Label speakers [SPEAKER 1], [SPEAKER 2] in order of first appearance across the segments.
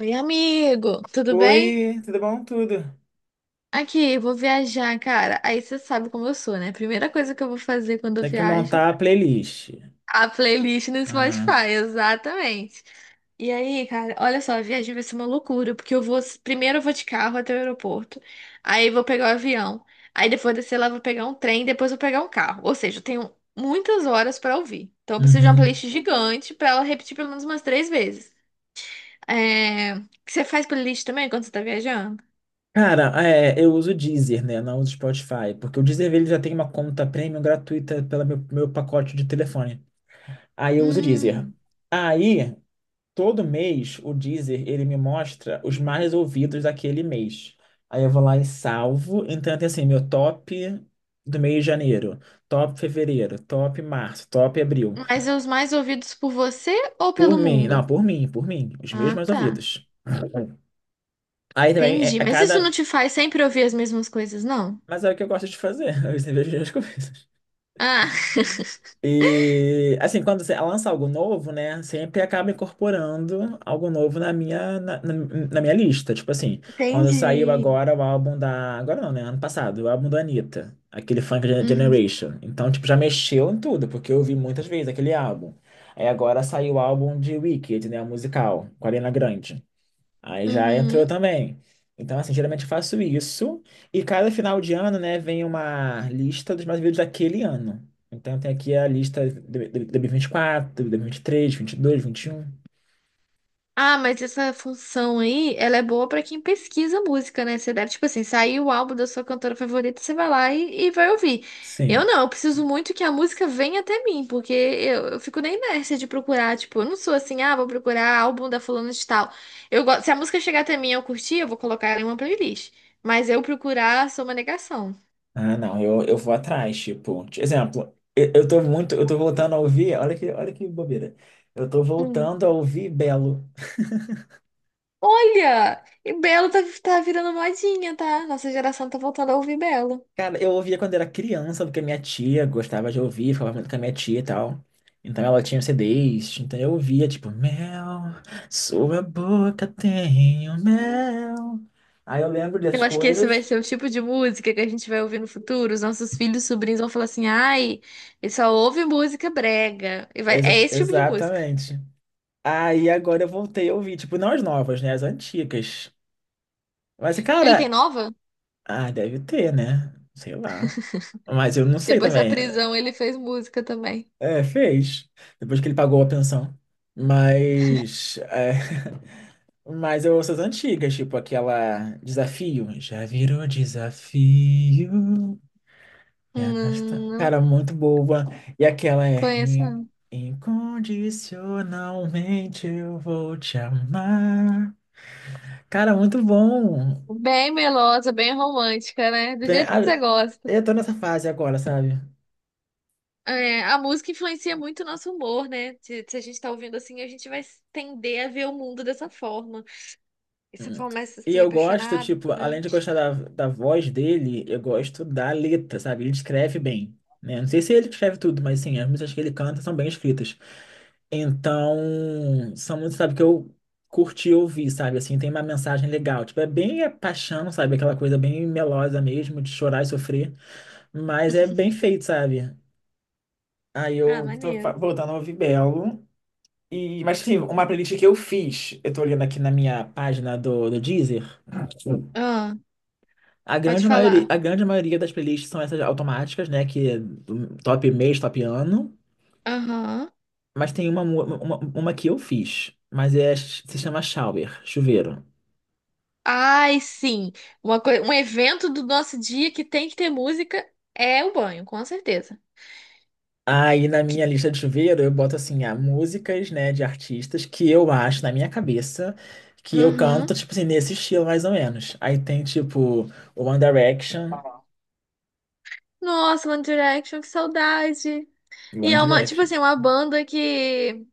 [SPEAKER 1] Oi, amigo, tudo bem?
[SPEAKER 2] Oi, tudo bom? Tudo.
[SPEAKER 1] Aqui, eu vou viajar, cara. Aí você sabe como eu sou, né? Primeira coisa que eu vou fazer quando eu
[SPEAKER 2] Tem que
[SPEAKER 1] viajo,
[SPEAKER 2] montar a playlist.
[SPEAKER 1] a playlist no
[SPEAKER 2] Ah,
[SPEAKER 1] Spotify, exatamente. E aí, cara, olha só, a viagem vai ser uma loucura, porque primeiro eu vou de carro até o aeroporto, aí vou pegar o avião, aí depois descer lá, vou pegar um trem, depois vou pegar um carro. Ou seja, eu tenho muitas horas pra ouvir. Então eu preciso de uma
[SPEAKER 2] uhum.
[SPEAKER 1] playlist gigante pra ela repetir pelo menos umas três vezes. É... Você faz playlist também quando você tá viajando?
[SPEAKER 2] Cara, é, eu uso o Deezer, né? Não uso o Spotify, porque o Deezer ele já tem uma conta premium gratuita pelo meu pacote de telefone. Aí eu uso o Deezer.
[SPEAKER 1] Hum.
[SPEAKER 2] Aí, todo mês, o Deezer ele me mostra os mais ouvidos daquele mês. Aí eu vou lá e salvo. Então tem assim, meu top do mês de janeiro, top fevereiro, top março, top abril.
[SPEAKER 1] Mas é os mais ouvidos por você ou
[SPEAKER 2] Por
[SPEAKER 1] pelo
[SPEAKER 2] mim, não,
[SPEAKER 1] mundo?
[SPEAKER 2] por mim, os meus
[SPEAKER 1] Ah,
[SPEAKER 2] mais
[SPEAKER 1] tá.
[SPEAKER 2] ouvidos. Aí também é,
[SPEAKER 1] Entendi.
[SPEAKER 2] é
[SPEAKER 1] Mas isso não
[SPEAKER 2] cada.
[SPEAKER 1] te faz sempre ouvir as mesmas coisas, não?
[SPEAKER 2] Mas é o que eu gosto de fazer, eu sempre vejo as coisas.
[SPEAKER 1] Ah,
[SPEAKER 2] E assim, quando você lança algo novo, né? Sempre acaba incorporando algo novo na minha lista. Tipo assim, quando saiu
[SPEAKER 1] entendi.
[SPEAKER 2] agora o álbum da. Agora não, né? Ano passado, o álbum da Anitta, aquele Funk
[SPEAKER 1] Uhum.
[SPEAKER 2] Generation. Então, tipo, já mexeu em tudo, porque eu ouvi muitas vezes aquele álbum. Aí agora saiu o álbum de Wicked, né? O musical, com a Ariana Grande. Aí já entrou
[SPEAKER 1] Uhum.
[SPEAKER 2] também. Então, assim, geralmente eu faço isso. E cada final de ano, né, vem uma lista dos mais vídeos daquele ano. Então, tem aqui a lista de 2024, de dois mil e vinte e três, vinte e dois, vinte e um.
[SPEAKER 1] Ah, mas essa função aí, ela é boa pra quem pesquisa música, né? Você deve, tipo assim, sair o álbum da sua cantora favorita, você vai lá e vai ouvir. Eu
[SPEAKER 2] Sim.
[SPEAKER 1] não, eu preciso muito que a música venha até mim, porque eu fico na inércia de procurar, tipo, eu não sou assim, ah, vou procurar álbum da fulana de tal. Eu gosto, se a música chegar até mim e eu curtir, eu vou colocar ela em uma playlist. Mas eu procurar, sou uma negação.
[SPEAKER 2] Ah, não, eu vou atrás, tipo, de exemplo, eu tô voltando a ouvir, olha que bobeira. Eu tô
[SPEAKER 1] Hum.
[SPEAKER 2] voltando a ouvir Belo.
[SPEAKER 1] Olha! E Belo tá virando modinha, tá? Nossa geração tá voltando a ouvir Belo.
[SPEAKER 2] Cara, eu ouvia quando era criança, porque a minha tia gostava de ouvir, falava muito com a minha tia e tal. Então ela tinha CDs, então eu ouvia, tipo, mel, sua boca tem o mel. Aí eu lembro dessas
[SPEAKER 1] Eu acho que esse vai
[SPEAKER 2] coisas.
[SPEAKER 1] ser o tipo de música que a gente vai ouvir no futuro. Os nossos filhos, sobrinhos vão falar assim: ai, ele só ouve música brega. E vai... É
[SPEAKER 2] Exa-
[SPEAKER 1] esse tipo de música.
[SPEAKER 2] exatamente. Aí agora eu voltei a ouvir, tipo, não as novas, né? As antigas. Mas,
[SPEAKER 1] Ele tem
[SPEAKER 2] cara,
[SPEAKER 1] nova?
[SPEAKER 2] ah, deve ter, né? Sei lá. Mas eu não sei
[SPEAKER 1] Depois da
[SPEAKER 2] também.
[SPEAKER 1] prisão, ele fez música também.
[SPEAKER 2] É, fez. Depois que ele pagou a pensão. Mas. É. Mas eu ouço as antigas, tipo aquela Desafio. Já virou desafio. Me arrasta. Cara,
[SPEAKER 1] Não
[SPEAKER 2] muito boba. E aquela é
[SPEAKER 1] conheço, não.
[SPEAKER 2] Incondicionalmente eu vou te amar". Cara, muito bom.
[SPEAKER 1] Bem melosa, bem romântica, né? Do
[SPEAKER 2] Vé-
[SPEAKER 1] jeito que você
[SPEAKER 2] a-
[SPEAKER 1] gosta.
[SPEAKER 2] Eu tô nessa fase agora, sabe?
[SPEAKER 1] É, a música influencia muito o nosso humor, né? Se a gente tá ouvindo assim, a gente vai tender a ver o mundo dessa forma. E você
[SPEAKER 2] Hum.
[SPEAKER 1] começa
[SPEAKER 2] E
[SPEAKER 1] assim,
[SPEAKER 2] eu gosto,
[SPEAKER 1] apaixonada,
[SPEAKER 2] tipo, além de
[SPEAKER 1] romântica.
[SPEAKER 2] gostar da voz dele, eu gosto da letra, sabe? Ele escreve bem, né? Não sei se ele escreve tudo, mas sim, as músicas que ele canta são bem escritas. Então, são muitos, sabe, que eu curti ouvir, sabe? Assim, tem uma mensagem legal. Tipo, é bem é paixão, sabe? Aquela coisa bem melosa mesmo, de chorar e sofrer. Mas é bem feito, sabe? Aí
[SPEAKER 1] Ah,
[SPEAKER 2] eu tô
[SPEAKER 1] maneiro.
[SPEAKER 2] voltando a ouvir Belo. E, mas, sim, uma playlist que eu fiz, eu tô olhando aqui na minha página do Deezer.
[SPEAKER 1] Ah,
[SPEAKER 2] A
[SPEAKER 1] pode
[SPEAKER 2] grande maioria,
[SPEAKER 1] falar.
[SPEAKER 2] a grande maioria das playlists são essas automáticas, né? Que é do top mês, top ano.
[SPEAKER 1] Aham.
[SPEAKER 2] Mas tem uma que eu fiz. Mas se chama Shower, chuveiro.
[SPEAKER 1] Ai, sim. Uma coi- um evento do nosso dia que tem que ter música é o banho, com certeza.
[SPEAKER 2] Aí na
[SPEAKER 1] Que...
[SPEAKER 2] minha lista de chuveiro eu boto assim, ah, músicas, né, de artistas que eu acho na minha cabeça que eu canto,
[SPEAKER 1] Uhum.
[SPEAKER 2] tipo assim, nesse estilo mais ou menos. Aí tem tipo One Direction,
[SPEAKER 1] Nossa, One Direction, que saudade. E
[SPEAKER 2] One
[SPEAKER 1] é uma, tipo
[SPEAKER 2] Direction.
[SPEAKER 1] assim, uma banda que.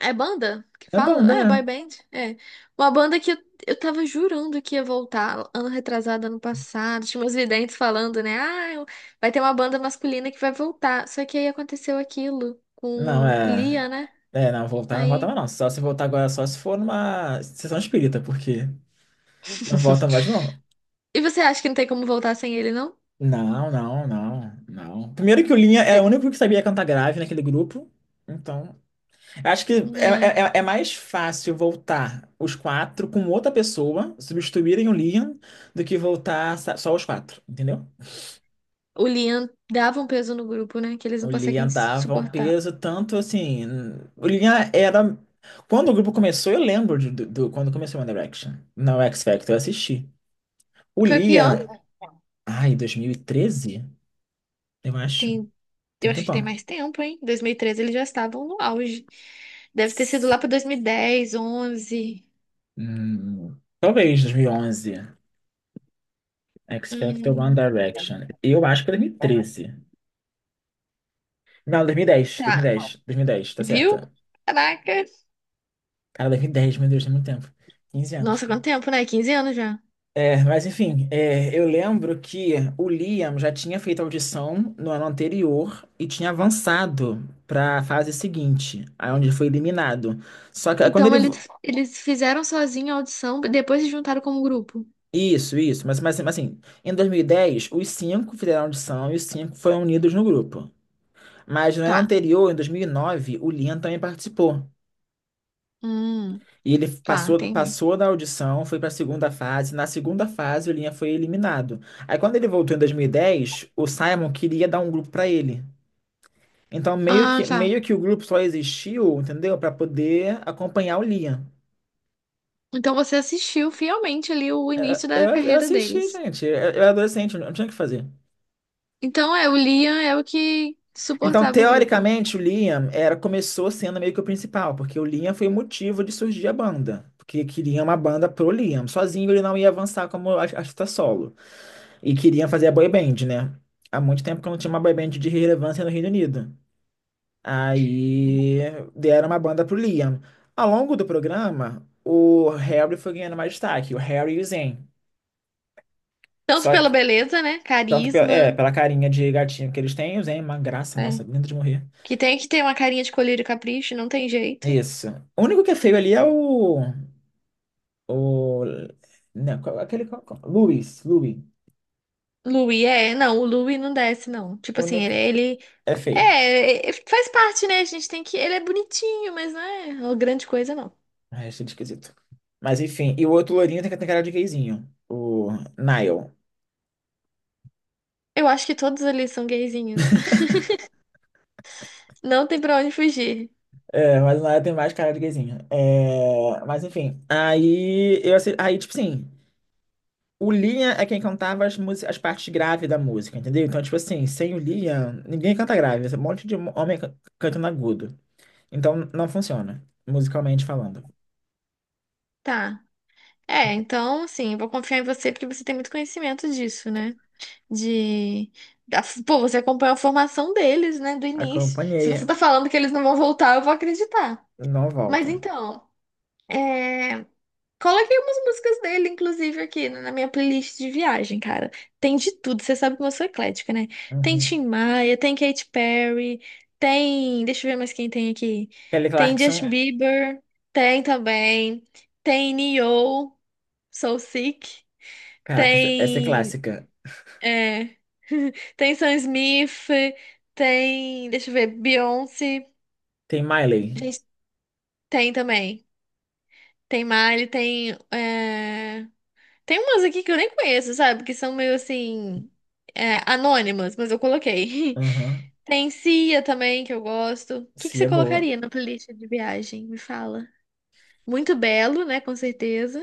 [SPEAKER 1] É banda que
[SPEAKER 2] É
[SPEAKER 1] fala?
[SPEAKER 2] banda,
[SPEAKER 1] É,
[SPEAKER 2] é.
[SPEAKER 1] boy band. É. Uma banda que eu tava jurando que ia voltar ano retrasado, ano passado. Tinha meus videntes falando, né? Ah, vai ter uma banda masculina que vai voltar. Só que aí aconteceu aquilo
[SPEAKER 2] Não,
[SPEAKER 1] com o
[SPEAKER 2] é.
[SPEAKER 1] Lia, né?
[SPEAKER 2] É, não, voltar não volta
[SPEAKER 1] Aí.
[SPEAKER 2] mais não. Só se voltar agora, só se for numa sessão espírita, porque não volta mais não.
[SPEAKER 1] E você acha que não tem como voltar sem ele, não?
[SPEAKER 2] Não, não, não, não. Primeiro que o Linha era o
[SPEAKER 1] É,
[SPEAKER 2] único que sabia cantar grave naquele grupo, então acho que é,
[SPEAKER 1] né?
[SPEAKER 2] é, é é mais fácil voltar os quatro com outra pessoa, substituírem o Liam, do que voltar só os quatro, entendeu?
[SPEAKER 1] O Liam dava um peso no grupo, né? Que eles
[SPEAKER 2] O
[SPEAKER 1] não conseguem
[SPEAKER 2] Liam dava um
[SPEAKER 1] suportar.
[SPEAKER 2] peso tanto assim. O Liam era. Quando o grupo começou, eu lembro quando começou o One Direction. Não, X Factor, eu assisti. O
[SPEAKER 1] Foi que
[SPEAKER 2] Liam.
[SPEAKER 1] ano?
[SPEAKER 2] Ai, 2013? Eu acho.
[SPEAKER 1] Tem,
[SPEAKER 2] Tem
[SPEAKER 1] eu
[SPEAKER 2] um
[SPEAKER 1] acho que tem
[SPEAKER 2] tempão.
[SPEAKER 1] mais tempo, hein? 2013 eles já estavam no auge. Deve ter sido lá para dois mil e dez, onze.
[SPEAKER 2] Talvez 2011. X Factor One
[SPEAKER 1] Hum,
[SPEAKER 2] Direction. Eu acho que 2013. Não, 2010,
[SPEAKER 1] tá.
[SPEAKER 2] 2010, 2010, tá
[SPEAKER 1] Viu?
[SPEAKER 2] certa.
[SPEAKER 1] Caraca.
[SPEAKER 2] Cara, 2010, meu Deus, tem muito tempo. 15 anos.
[SPEAKER 1] Nossa, quanto tempo, né? Quinze anos já.
[SPEAKER 2] É, mas enfim, é, eu lembro que o Liam já tinha feito audição no ano anterior e tinha avançado para a fase seguinte, aí onde ele foi eliminado. Só que aí quando
[SPEAKER 1] Então
[SPEAKER 2] ele.
[SPEAKER 1] eles fizeram sozinho a audição, depois se juntaram como grupo.
[SPEAKER 2] Isso, isso, mas, mas, assim, em 2010, os cinco fizeram audição e os cinco foram unidos no grupo. Mas no ano
[SPEAKER 1] Tá.
[SPEAKER 2] anterior, em 2009, o Liam também participou.
[SPEAKER 1] Hum,
[SPEAKER 2] E ele
[SPEAKER 1] tá,
[SPEAKER 2] passou,
[SPEAKER 1] entendi.
[SPEAKER 2] passou da audição, foi para a segunda fase. Na segunda fase, o Linha foi eliminado. Aí, quando ele voltou em 2010, o Simon queria dar um grupo para ele. Então, meio
[SPEAKER 1] Ah,
[SPEAKER 2] que,
[SPEAKER 1] tá.
[SPEAKER 2] meio que o grupo só existiu, entendeu? Para poder acompanhar o Liam.
[SPEAKER 1] Então você assistiu fielmente ali o início
[SPEAKER 2] Eu,
[SPEAKER 1] da
[SPEAKER 2] eu
[SPEAKER 1] carreira
[SPEAKER 2] assisti,
[SPEAKER 1] deles.
[SPEAKER 2] gente. Eu era adolescente, eu não tinha o que fazer.
[SPEAKER 1] Então é, o Liam é o que
[SPEAKER 2] Então,
[SPEAKER 1] suportava o grupo.
[SPEAKER 2] teoricamente, o Liam começou sendo meio que o principal, porque o Liam foi o motivo de surgir a banda. Porque queria uma banda pro Liam. Sozinho ele não ia avançar como artista solo. E queria fazer a boy band, né? Há muito tempo que eu não tinha uma boy band de relevância no Reino Unido. Aí deram uma banda pro Liam. Ao longo do programa, o Harry foi ganhando mais destaque, o Harry e o Zayn.
[SPEAKER 1] Tanto
[SPEAKER 2] Só
[SPEAKER 1] pela
[SPEAKER 2] que,
[SPEAKER 1] beleza, né?
[SPEAKER 2] tanto pela, é,
[SPEAKER 1] Carisma.
[SPEAKER 2] pela carinha de gatinho que eles têm, o Zayn é uma graça, nossa,
[SPEAKER 1] É.
[SPEAKER 2] lindo de morrer.
[SPEAKER 1] Que tem que ter uma carinha de colírio e capricho, não tem jeito.
[SPEAKER 2] Isso. O único que é feio ali é o. O. Não, aquele. Louis.
[SPEAKER 1] Louis é, não, o Louis não desce, não.
[SPEAKER 2] O
[SPEAKER 1] Tipo assim,
[SPEAKER 2] único
[SPEAKER 1] ele,
[SPEAKER 2] que
[SPEAKER 1] ele
[SPEAKER 2] é feio.
[SPEAKER 1] é, faz parte, né? A gente tem que. Ele é bonitinho, mas não é uma grande coisa, não.
[SPEAKER 2] Ah, achei ele esquisito. Mas enfim, e o outro loirinho tem cara de gayzinho. O Niall.
[SPEAKER 1] Eu acho que todos ali são gayzinhos. Não tem pra onde fugir.
[SPEAKER 2] É, mas o Niall tem mais cara de gayzinho. É, mas enfim, aí eu aí tipo assim, o Liam é quem cantava as partes graves da música, entendeu? Então tipo assim, sem o Liam, ninguém canta grave, é um monte de homem cantando agudo. Então não funciona, musicalmente falando.
[SPEAKER 1] Tá. É, então, assim, eu vou confiar em você porque você tem muito conhecimento disso, né? De. Pô, você acompanha a formação deles, né? Do início. Se
[SPEAKER 2] Acompanhei,
[SPEAKER 1] você tá falando que eles não vão voltar, eu vou acreditar.
[SPEAKER 2] não
[SPEAKER 1] Mas
[SPEAKER 2] voltam.
[SPEAKER 1] então, é... coloquei umas músicas dele, inclusive, aqui né, na minha playlist de viagem, cara. Tem de tudo, você sabe que eu sou eclética, né? Tem
[SPEAKER 2] Uhum.
[SPEAKER 1] Tim Maia, tem Katy Perry, tem. Deixa eu ver mais quem tem aqui.
[SPEAKER 2] Kelly
[SPEAKER 1] Tem Justin
[SPEAKER 2] Clarkson,
[SPEAKER 1] Bieber, tem também. Tem Nio, Soul Sick.
[SPEAKER 2] caraca, essa é
[SPEAKER 1] Tem
[SPEAKER 2] clássica.
[SPEAKER 1] é. Tem Sam Smith, tem. Deixa eu ver, Beyoncé.
[SPEAKER 2] Tem Miley.
[SPEAKER 1] Gente, tem também. Tem Miley, tem. Tem umas aqui que eu nem conheço, sabe? Que são meio assim. Anônimas, mas eu coloquei.
[SPEAKER 2] Aham,
[SPEAKER 1] Tem Cia também, que eu gosto. O que que
[SPEAKER 2] sim,
[SPEAKER 1] você
[SPEAKER 2] é boa.
[SPEAKER 1] colocaria na playlist de viagem? Me fala. Muito belo, né? Com certeza.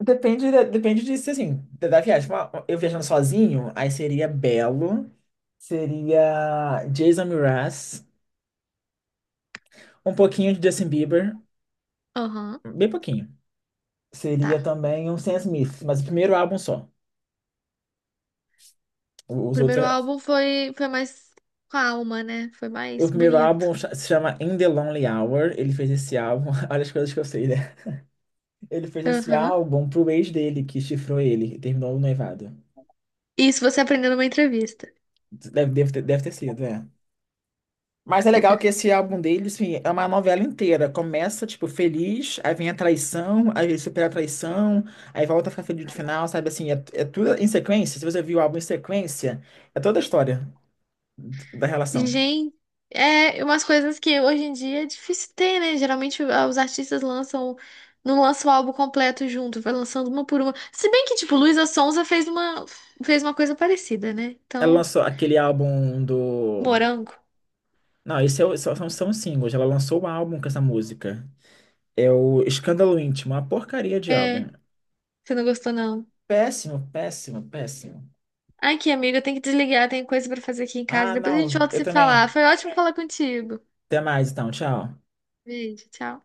[SPEAKER 2] Depende, depende disso, assim, da, viagem. Eu viajando sozinho, aí seria Belo, seria Jason Mraz, um pouquinho de Justin Bieber,
[SPEAKER 1] Aham,
[SPEAKER 2] bem pouquinho. Seria
[SPEAKER 1] tá.
[SPEAKER 2] também um Sam Smith, mas o primeiro álbum só.
[SPEAKER 1] O
[SPEAKER 2] Os
[SPEAKER 1] primeiro
[SPEAKER 2] outros,
[SPEAKER 1] álbum foi, foi mais calma, né? Foi
[SPEAKER 2] o
[SPEAKER 1] mais
[SPEAKER 2] primeiro
[SPEAKER 1] bonito.
[SPEAKER 2] álbum se chama In the Lonely Hour. Ele fez esse álbum, olha as coisas que eu sei, né? Ele fez esse
[SPEAKER 1] Aham.
[SPEAKER 2] álbum pro ex dele, que chifrou ele e terminou o noivado.
[SPEAKER 1] Isso você aprendeu numa entrevista.
[SPEAKER 2] Deve ter sido, é. Mas é legal que esse álbum deles, assim, é uma novela inteira. Começa, tipo, feliz, aí vem a traição, aí ele supera a traição, aí volta a ficar feliz no final, sabe? Assim, é tudo em sequência. Se você viu o álbum em sequência, é toda a história da relação.
[SPEAKER 1] Gente, é umas coisas que hoje em dia é difícil ter, né? Geralmente os artistas lançam, não lançam o álbum completo junto, vai lançando uma por uma. Se bem que, tipo, Luísa Sonza fez uma coisa parecida, né?
[SPEAKER 2] Ela
[SPEAKER 1] Então,
[SPEAKER 2] lançou aquele álbum do...
[SPEAKER 1] morango.
[SPEAKER 2] Não, são, são singles. Ela lançou um álbum com essa música. É o Escândalo Íntimo, uma porcaria de álbum.
[SPEAKER 1] É, você não gostou, não.
[SPEAKER 2] Péssimo, péssimo, péssimo.
[SPEAKER 1] Aqui, amiga, eu tenho que desligar, tem coisa pra fazer aqui em casa.
[SPEAKER 2] Ah,
[SPEAKER 1] Depois a gente
[SPEAKER 2] não,
[SPEAKER 1] volta a
[SPEAKER 2] eu
[SPEAKER 1] se falar.
[SPEAKER 2] também.
[SPEAKER 1] Foi ótimo falar contigo.
[SPEAKER 2] Até mais, então, tchau.
[SPEAKER 1] Beijo, tchau.